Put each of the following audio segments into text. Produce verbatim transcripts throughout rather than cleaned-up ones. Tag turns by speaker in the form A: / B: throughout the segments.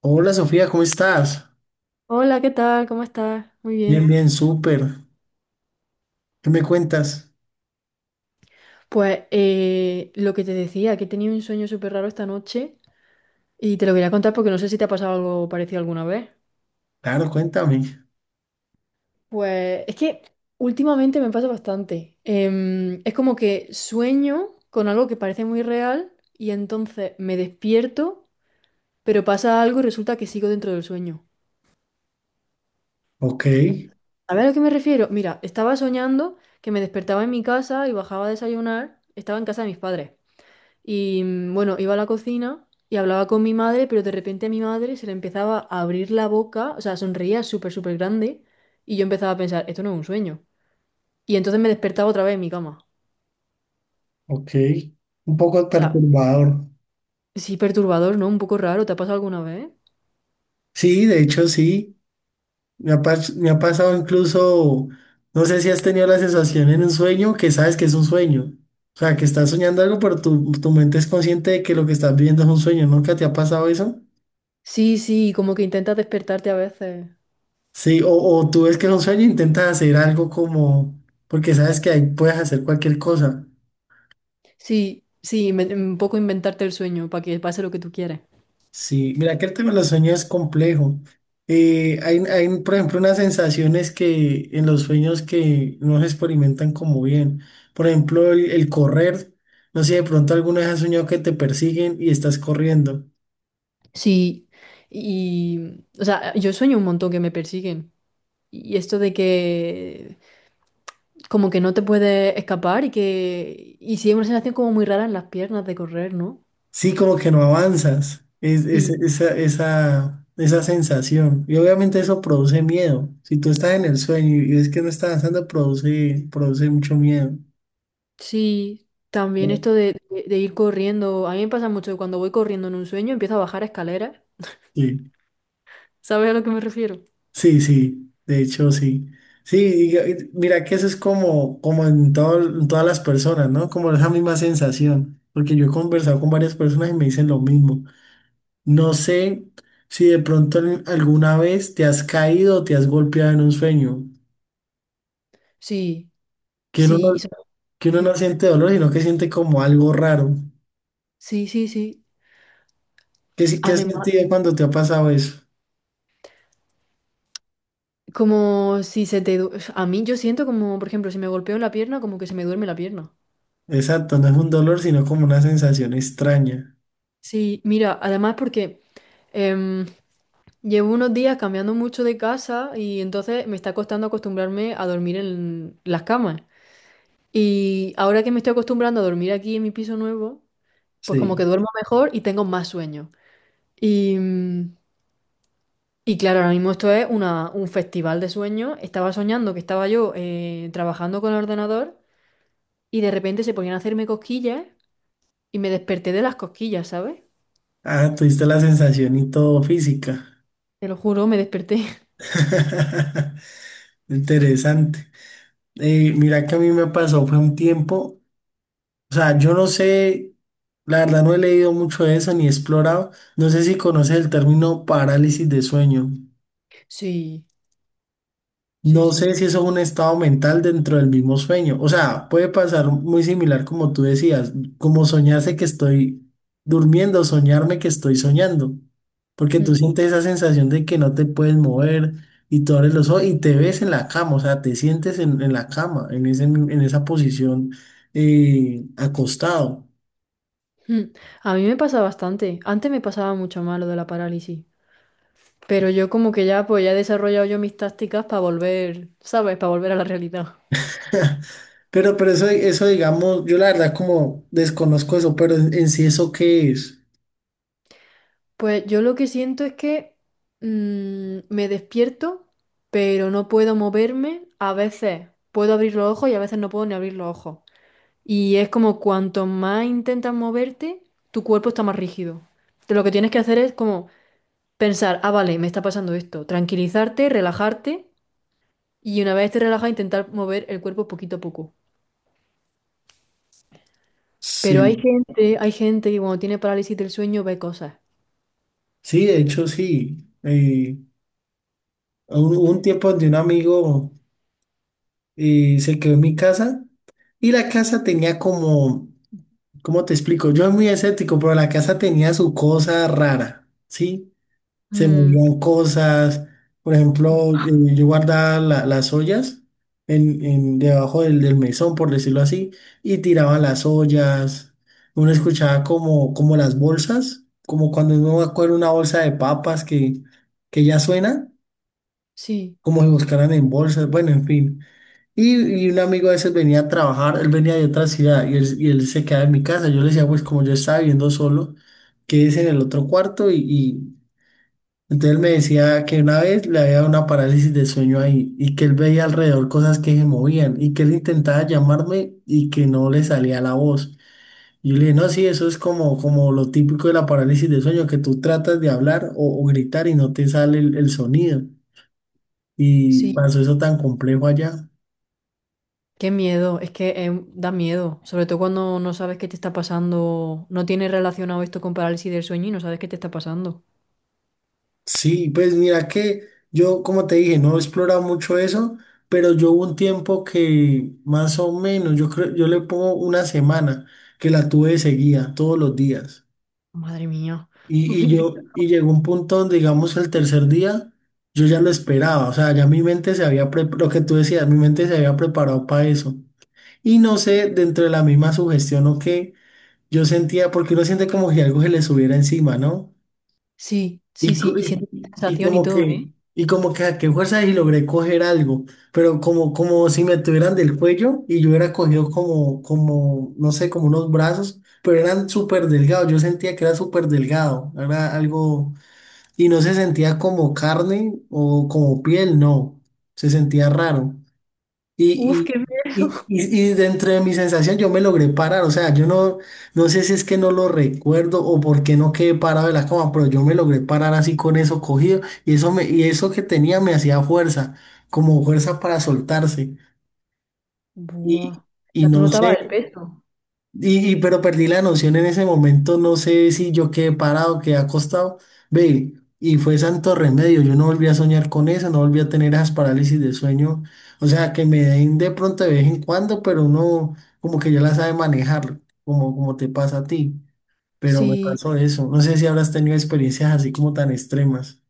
A: Hola Sofía, ¿cómo estás?
B: Hola, ¿qué tal? ¿Cómo estás? Muy
A: Bien,
B: bien.
A: bien, súper. ¿Qué me cuentas?
B: Pues eh, lo que te decía, que he tenido un sueño súper raro esta noche y te lo quería contar porque no sé si te ha pasado algo parecido alguna vez.
A: Claro, cuéntame.
B: Pues es que últimamente me pasa bastante. Em, es como que sueño con algo que parece muy real y entonces me despierto, pero pasa algo y resulta que sigo dentro del sueño.
A: Ok,
B: A ver a lo que me refiero. Mira, estaba soñando que me despertaba en mi casa y bajaba a desayunar. Estaba en casa de mis padres. Y mm, bueno, iba a la cocina y hablaba con mi madre, pero de repente a mi madre se le empezaba a abrir la boca, o sea, sonreía súper, súper grande y yo empezaba a pensar, esto no es un sueño. Y entonces me despertaba otra vez en mi cama.
A: ok. Un poco
B: O sea,
A: perturbador.
B: sí, perturbador, ¿no? Un poco raro, ¿te ha pasado alguna vez?
A: Sí, de hecho sí. Me ha, pas- me ha pasado incluso, no sé si has tenido la sensación en un sueño que sabes que es un sueño. O sea, que estás soñando algo, pero tu, tu mente es consciente de que lo que estás viviendo es un sueño. ¿Nunca te ha pasado eso?
B: Sí, sí, como que intentas despertarte a veces.
A: Sí, o, o tú ves que es un sueño e intentas hacer algo como, porque sabes que ahí puedes hacer cualquier cosa.
B: Sí, sí, inven- un poco inventarte el sueño para que pase lo que tú quieres.
A: Sí, mira que el tema de los sueños es complejo. Eh, hay, hay, por ejemplo, unas sensaciones que en los sueños que no se experimentan como bien. Por ejemplo, el, el correr. No sé si de pronto alguna vez has soñado que te persiguen y estás corriendo.
B: Sí, y, o sea, yo sueño un montón que me persiguen. Y esto de que como que no te puedes escapar y que y sí es una sensación como muy rara en las piernas de correr, ¿no?
A: Sí, como que no avanzas. Es, es-
B: Sí.
A: esa, esa, esa sensación. Y obviamente eso produce miedo. Si tú estás en el sueño y ves que no estás avanzando, produce, produce mucho miedo.
B: Sí, también esto de, de- de ir corriendo, a mí me pasa mucho que cuando voy corriendo en un sueño empiezo a bajar escaleras.
A: Sí.
B: ¿Sabes a lo que me refiero?
A: Sí, sí, de hecho sí. Sí, y- y mira que eso es como, como en, todo, en todas las personas, ¿no? Como esa misma sensación, porque yo he conversado con varias personas y me dicen lo mismo. No sé si de pronto en- alguna vez te has caído o te has golpeado en un sueño,
B: Sí,
A: que uno
B: sí, y
A: no,
B: so-
A: que uno no siente dolor, sino que siente como algo raro.
B: sí, sí, sí.
A: ¿Qué, si- ¿qué has
B: Además,
A: sentido cuando te ha pasado eso?
B: como si se te... du- A mí yo siento como, por ejemplo, si me golpeo en la pierna, como que se me duerme la pierna.
A: Exacto, no es un dolor, sino como una sensación extraña.
B: Sí, mira, además porque... em, llevo unos días cambiando mucho de casa y entonces me está costando acostumbrarme a dormir en las camas. Y ahora que me estoy acostumbrando a dormir aquí en mi piso nuevo, pues como que
A: Sí.
B: duermo mejor y tengo más sueño. Y, mm, y claro, ahora mismo esto es una- un festival de sueños. Estaba soñando que estaba yo eh, trabajando con el ordenador y de repente se ponían a hacerme cosquillas y me desperté de las cosquillas, ¿sabes?
A: Ah, tuviste la sensación y todo física.
B: Te lo juro, me desperté.
A: Interesante. Eh, mira que a mí me pasó, fue un tiempo, o sea, yo no sé, la verdad no he leído mucho de eso ni he explorado, no sé si conoces el término parálisis de sueño.
B: Sí, sí,
A: No sé
B: sí.
A: si eso es un estado mental dentro del mismo sueño. O sea, puede pasar muy similar como tú decías, como soñarse que estoy durmiendo, soñarme que estoy soñando. Porque tú
B: Mm.
A: sientes esa sensación de que no te puedes mover y tú abres los ojos y te ves en la cama, o sea, te sientes en, en la cama, en ese, en esa posición eh, acostado.
B: Mm, a mí me pasa bastante. Antes me pasaba mucho más lo de la parálisis. Pero yo como que ya, pues ya he desarrollado yo mis tácticas para volver, ¿sabes? Para volver a la realidad.
A: Pero, pero eso, eso, digamos, yo la verdad como desconozco eso, pero en, en sí eso qué es.
B: Pues yo lo que siento es que mm, me despierto, pero no puedo moverme. A veces puedo abrir los ojos y a veces no puedo ni abrir los ojos. Y es como cuanto más intentas moverte, tu cuerpo está más rígido. Entonces, lo que tienes que hacer es como pensar, ah, vale, me está pasando esto. Tranquilizarte, relajarte y una vez esté relajada intentar mover el cuerpo poquito a poco. Pero hay
A: Sí,
B: gente, hay gente que cuando tiene parálisis del sueño ve cosas.
A: sí, de hecho sí. Eh, un, un tiempo donde un amigo eh, se quedó en mi casa y la casa tenía como, ¿cómo te explico? Yo soy muy escéptico, pero la casa tenía su cosa rara, ¿sí? Se
B: Mm,
A: movían cosas, por ejemplo, eh, yo guardaba la- las ollas en, en- debajo del, del mesón, por decirlo así, y tiraba las ollas, uno escuchaba como, como las bolsas, como cuando uno va a coger una bolsa de papas que, que ya suena
B: sí,
A: como si buscaran en bolsas, bueno, en fin. Y, y un amigo a veces venía a trabajar, él venía de otra ciudad y él, y él se quedaba en mi casa. Yo le decía, pues como yo estaba viviendo solo, quédese en el otro cuarto y, y- entonces él me decía que una vez le había dado una parálisis de sueño ahí y que él veía alrededor cosas que se movían y que él intentaba llamarme y que no le salía la voz. Y yo le dije, no, sí, eso es como, como lo típico de la parálisis de sueño, que tú tratas de hablar o, o gritar y no te sale el, el sonido. Y
B: sí.
A: pasó eso tan complejo allá.
B: Qué miedo, es que eh, da miedo, sobre todo cuando no sabes qué te está pasando, no tienes relacionado esto con parálisis del sueño y no sabes qué te está pasando.
A: Sí, pues mira que yo, como te dije, no he explorado mucho eso, pero yo hubo un tiempo que más o menos, yo creo, yo le pongo una semana que la tuve de seguida todos los días.
B: Madre mía.
A: Y, y yo, y llegó un punto donde, digamos, el tercer día, yo ya lo esperaba, o sea, ya mi mente se había, pre- lo que tú decías, mi mente se había preparado para eso. Y no sé, dentro de la misma sugestión o qué, yo sentía, porque uno siente como si algo se le subiera encima, ¿no?
B: Sí, sí,
A: Y,
B: sí,
A: co-
B: y sientes
A: y, y
B: sensación y
A: como
B: todo,
A: que,
B: ¿eh?
A: y como que a qué fuerza y logré coger algo, pero como, como si me tuvieran del cuello y yo hubiera cogido como, como, no sé, como unos brazos, pero eran súper delgados, yo sentía que era súper delgado, era algo, y no se sentía como carne o como piel, no, se sentía raro.
B: Uf,
A: Y,
B: qué
A: y, y,
B: miedo.
A: y- y dentro de mi sensación yo me logré parar, o sea, yo no, no sé si es que no lo recuerdo o por qué no quedé parado de la cama, pero yo me logré parar así con eso cogido y eso, me, y eso que tenía me hacía fuerza, como fuerza para soltarse.
B: Buah.
A: Y,
B: O
A: y
B: sea, tú
A: no
B: notabas el
A: sé,
B: peso.
A: y, y- pero perdí la noción en ese momento, no sé si yo quedé parado, quedé acostado, ve, y fue santo remedio, yo no volví a soñar con eso, no volví a tener esas parálisis de sueño, o sea, que me den de pronto de vez en cuando, pero uno como que ya la sabe manejar, como, como te pasa a ti, pero me
B: Sí.
A: pasó eso, no sé si habrás tenido experiencias así como tan extremas.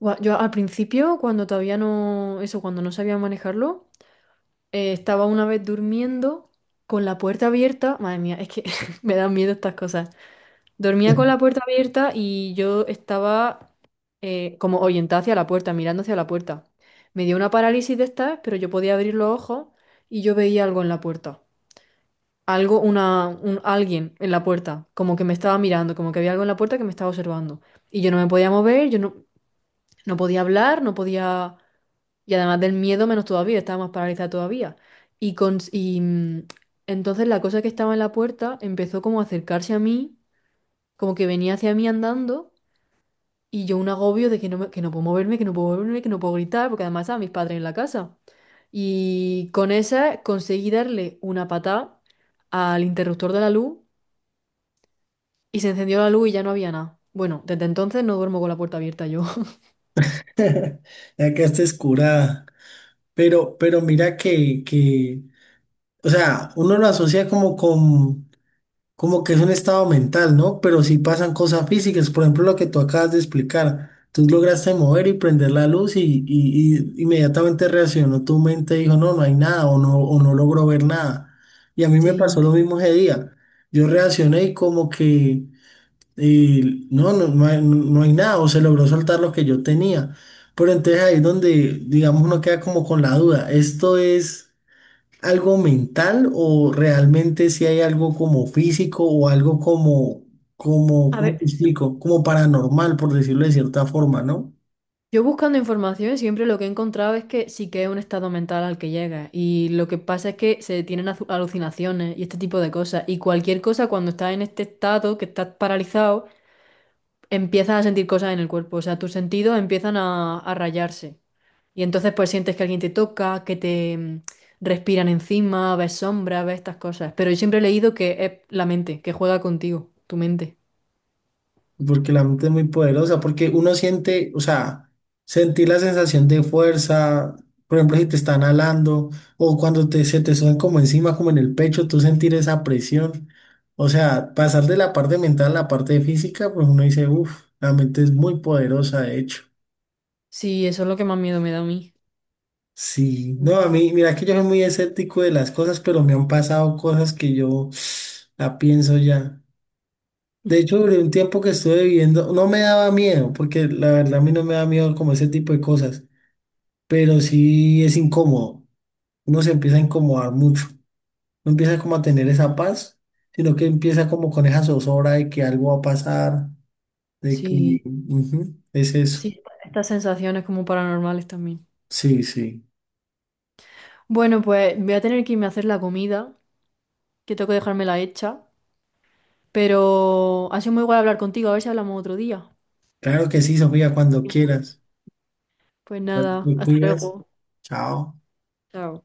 B: Buah, yo al principio, cuando todavía no, eso, cuando no sabía manejarlo, Eh, estaba una vez durmiendo con la puerta abierta. Madre mía, es que me dan miedo estas cosas. Dormía con la puerta abierta y yo estaba eh, como orientada hacia la puerta, mirando hacia la puerta. Me dio una parálisis de estas, pero yo podía abrir los ojos y yo veía algo en la puerta. Algo, una, un, alguien en la puerta, como que me estaba mirando, como que había algo en la puerta que me estaba observando. Y yo no me podía mover, yo no, no podía hablar, no podía. Y además del miedo, menos todavía, estaba más paralizada todavía. Y, con, y mm, entonces la cosa que estaba en la puerta empezó como a acercarse a mí, como que venía hacia mí andando, y yo un agobio de que no, me- que no puedo moverme, que no puedo moverme, que no puedo gritar, porque además estaban mis padres en la casa. Y con esa conseguí darle una patada al interruptor de la luz y se encendió la luz y ya no había nada. Bueno, desde entonces no duermo con la puerta abierta yo.
A: Ya quedaste escurada, pero, pero mira que, que, o sea, uno lo asocia como con... como que es un estado mental, ¿no? Pero sí pasan cosas físicas, por ejemplo, lo que tú acabas de explicar. Tú lograste mover y prender la luz y, y- y inmediatamente reaccionó tu mente y dijo, no, no hay nada o no, o no logro ver nada. Y a mí me
B: Sí.
A: pasó lo mismo ese día. Yo reaccioné y como que eh, no, no, no hay, no hay nada o se logró soltar lo que yo tenía. Pero entonces ahí es donde, digamos, uno queda como con la duda. Esto es algo mental o realmente si hay algo como físico o algo como, como,
B: A
A: ¿cómo
B: ver.
A: te explico? Como paranormal, por decirlo de cierta forma, ¿no?
B: Yo buscando información siempre lo que he encontrado es que sí que es un estado mental al que llega y lo que pasa es que se tienen azu- alucinaciones y este tipo de cosas y cualquier cosa cuando estás en este estado que estás paralizado empiezas a sentir cosas en el cuerpo, o sea, tus sentidos empiezan a, a rayarse y entonces pues sientes que alguien te toca, que te mm, respiran encima, ves sombras, ves estas cosas, pero yo siempre he leído que es la mente, que juega contigo, tu mente.
A: Porque la mente es muy poderosa, porque uno siente, o sea, sentir la sensación de fuerza, por ejemplo, si te están alando o cuando te, se te suben como encima, como en el pecho, tú sentir esa presión. O sea, pasar de la parte mental a la parte física, pues uno dice, uff, la mente es muy poderosa, de hecho.
B: Sí, eso es lo que más miedo me da a mí.
A: Sí, no, a mí, mira que yo soy muy escéptico de las cosas, pero me han pasado cosas que yo la pienso ya. De hecho, durante un tiempo que estuve viviendo, no me daba miedo, porque la verdad a mí no me da miedo como ese tipo de cosas, pero sí es incómodo. Uno se empieza a incomodar mucho, no empieza como a tener esa paz, sino que empieza como con esa zozobra de que algo va a pasar, de que
B: Sí.
A: ujú, es eso.
B: Sí, estas sensaciones como paranormales también.
A: Sí, sí.
B: Bueno, pues voy a tener que irme a hacer la comida, que tengo que dejármela hecha, pero ha sido muy guay hablar contigo, a ver si hablamos otro día.
A: Claro que sí, Sofía, cuando quieras.
B: Pues nada,
A: Te
B: hasta
A: cuidas.
B: luego.
A: Chao.
B: Chao.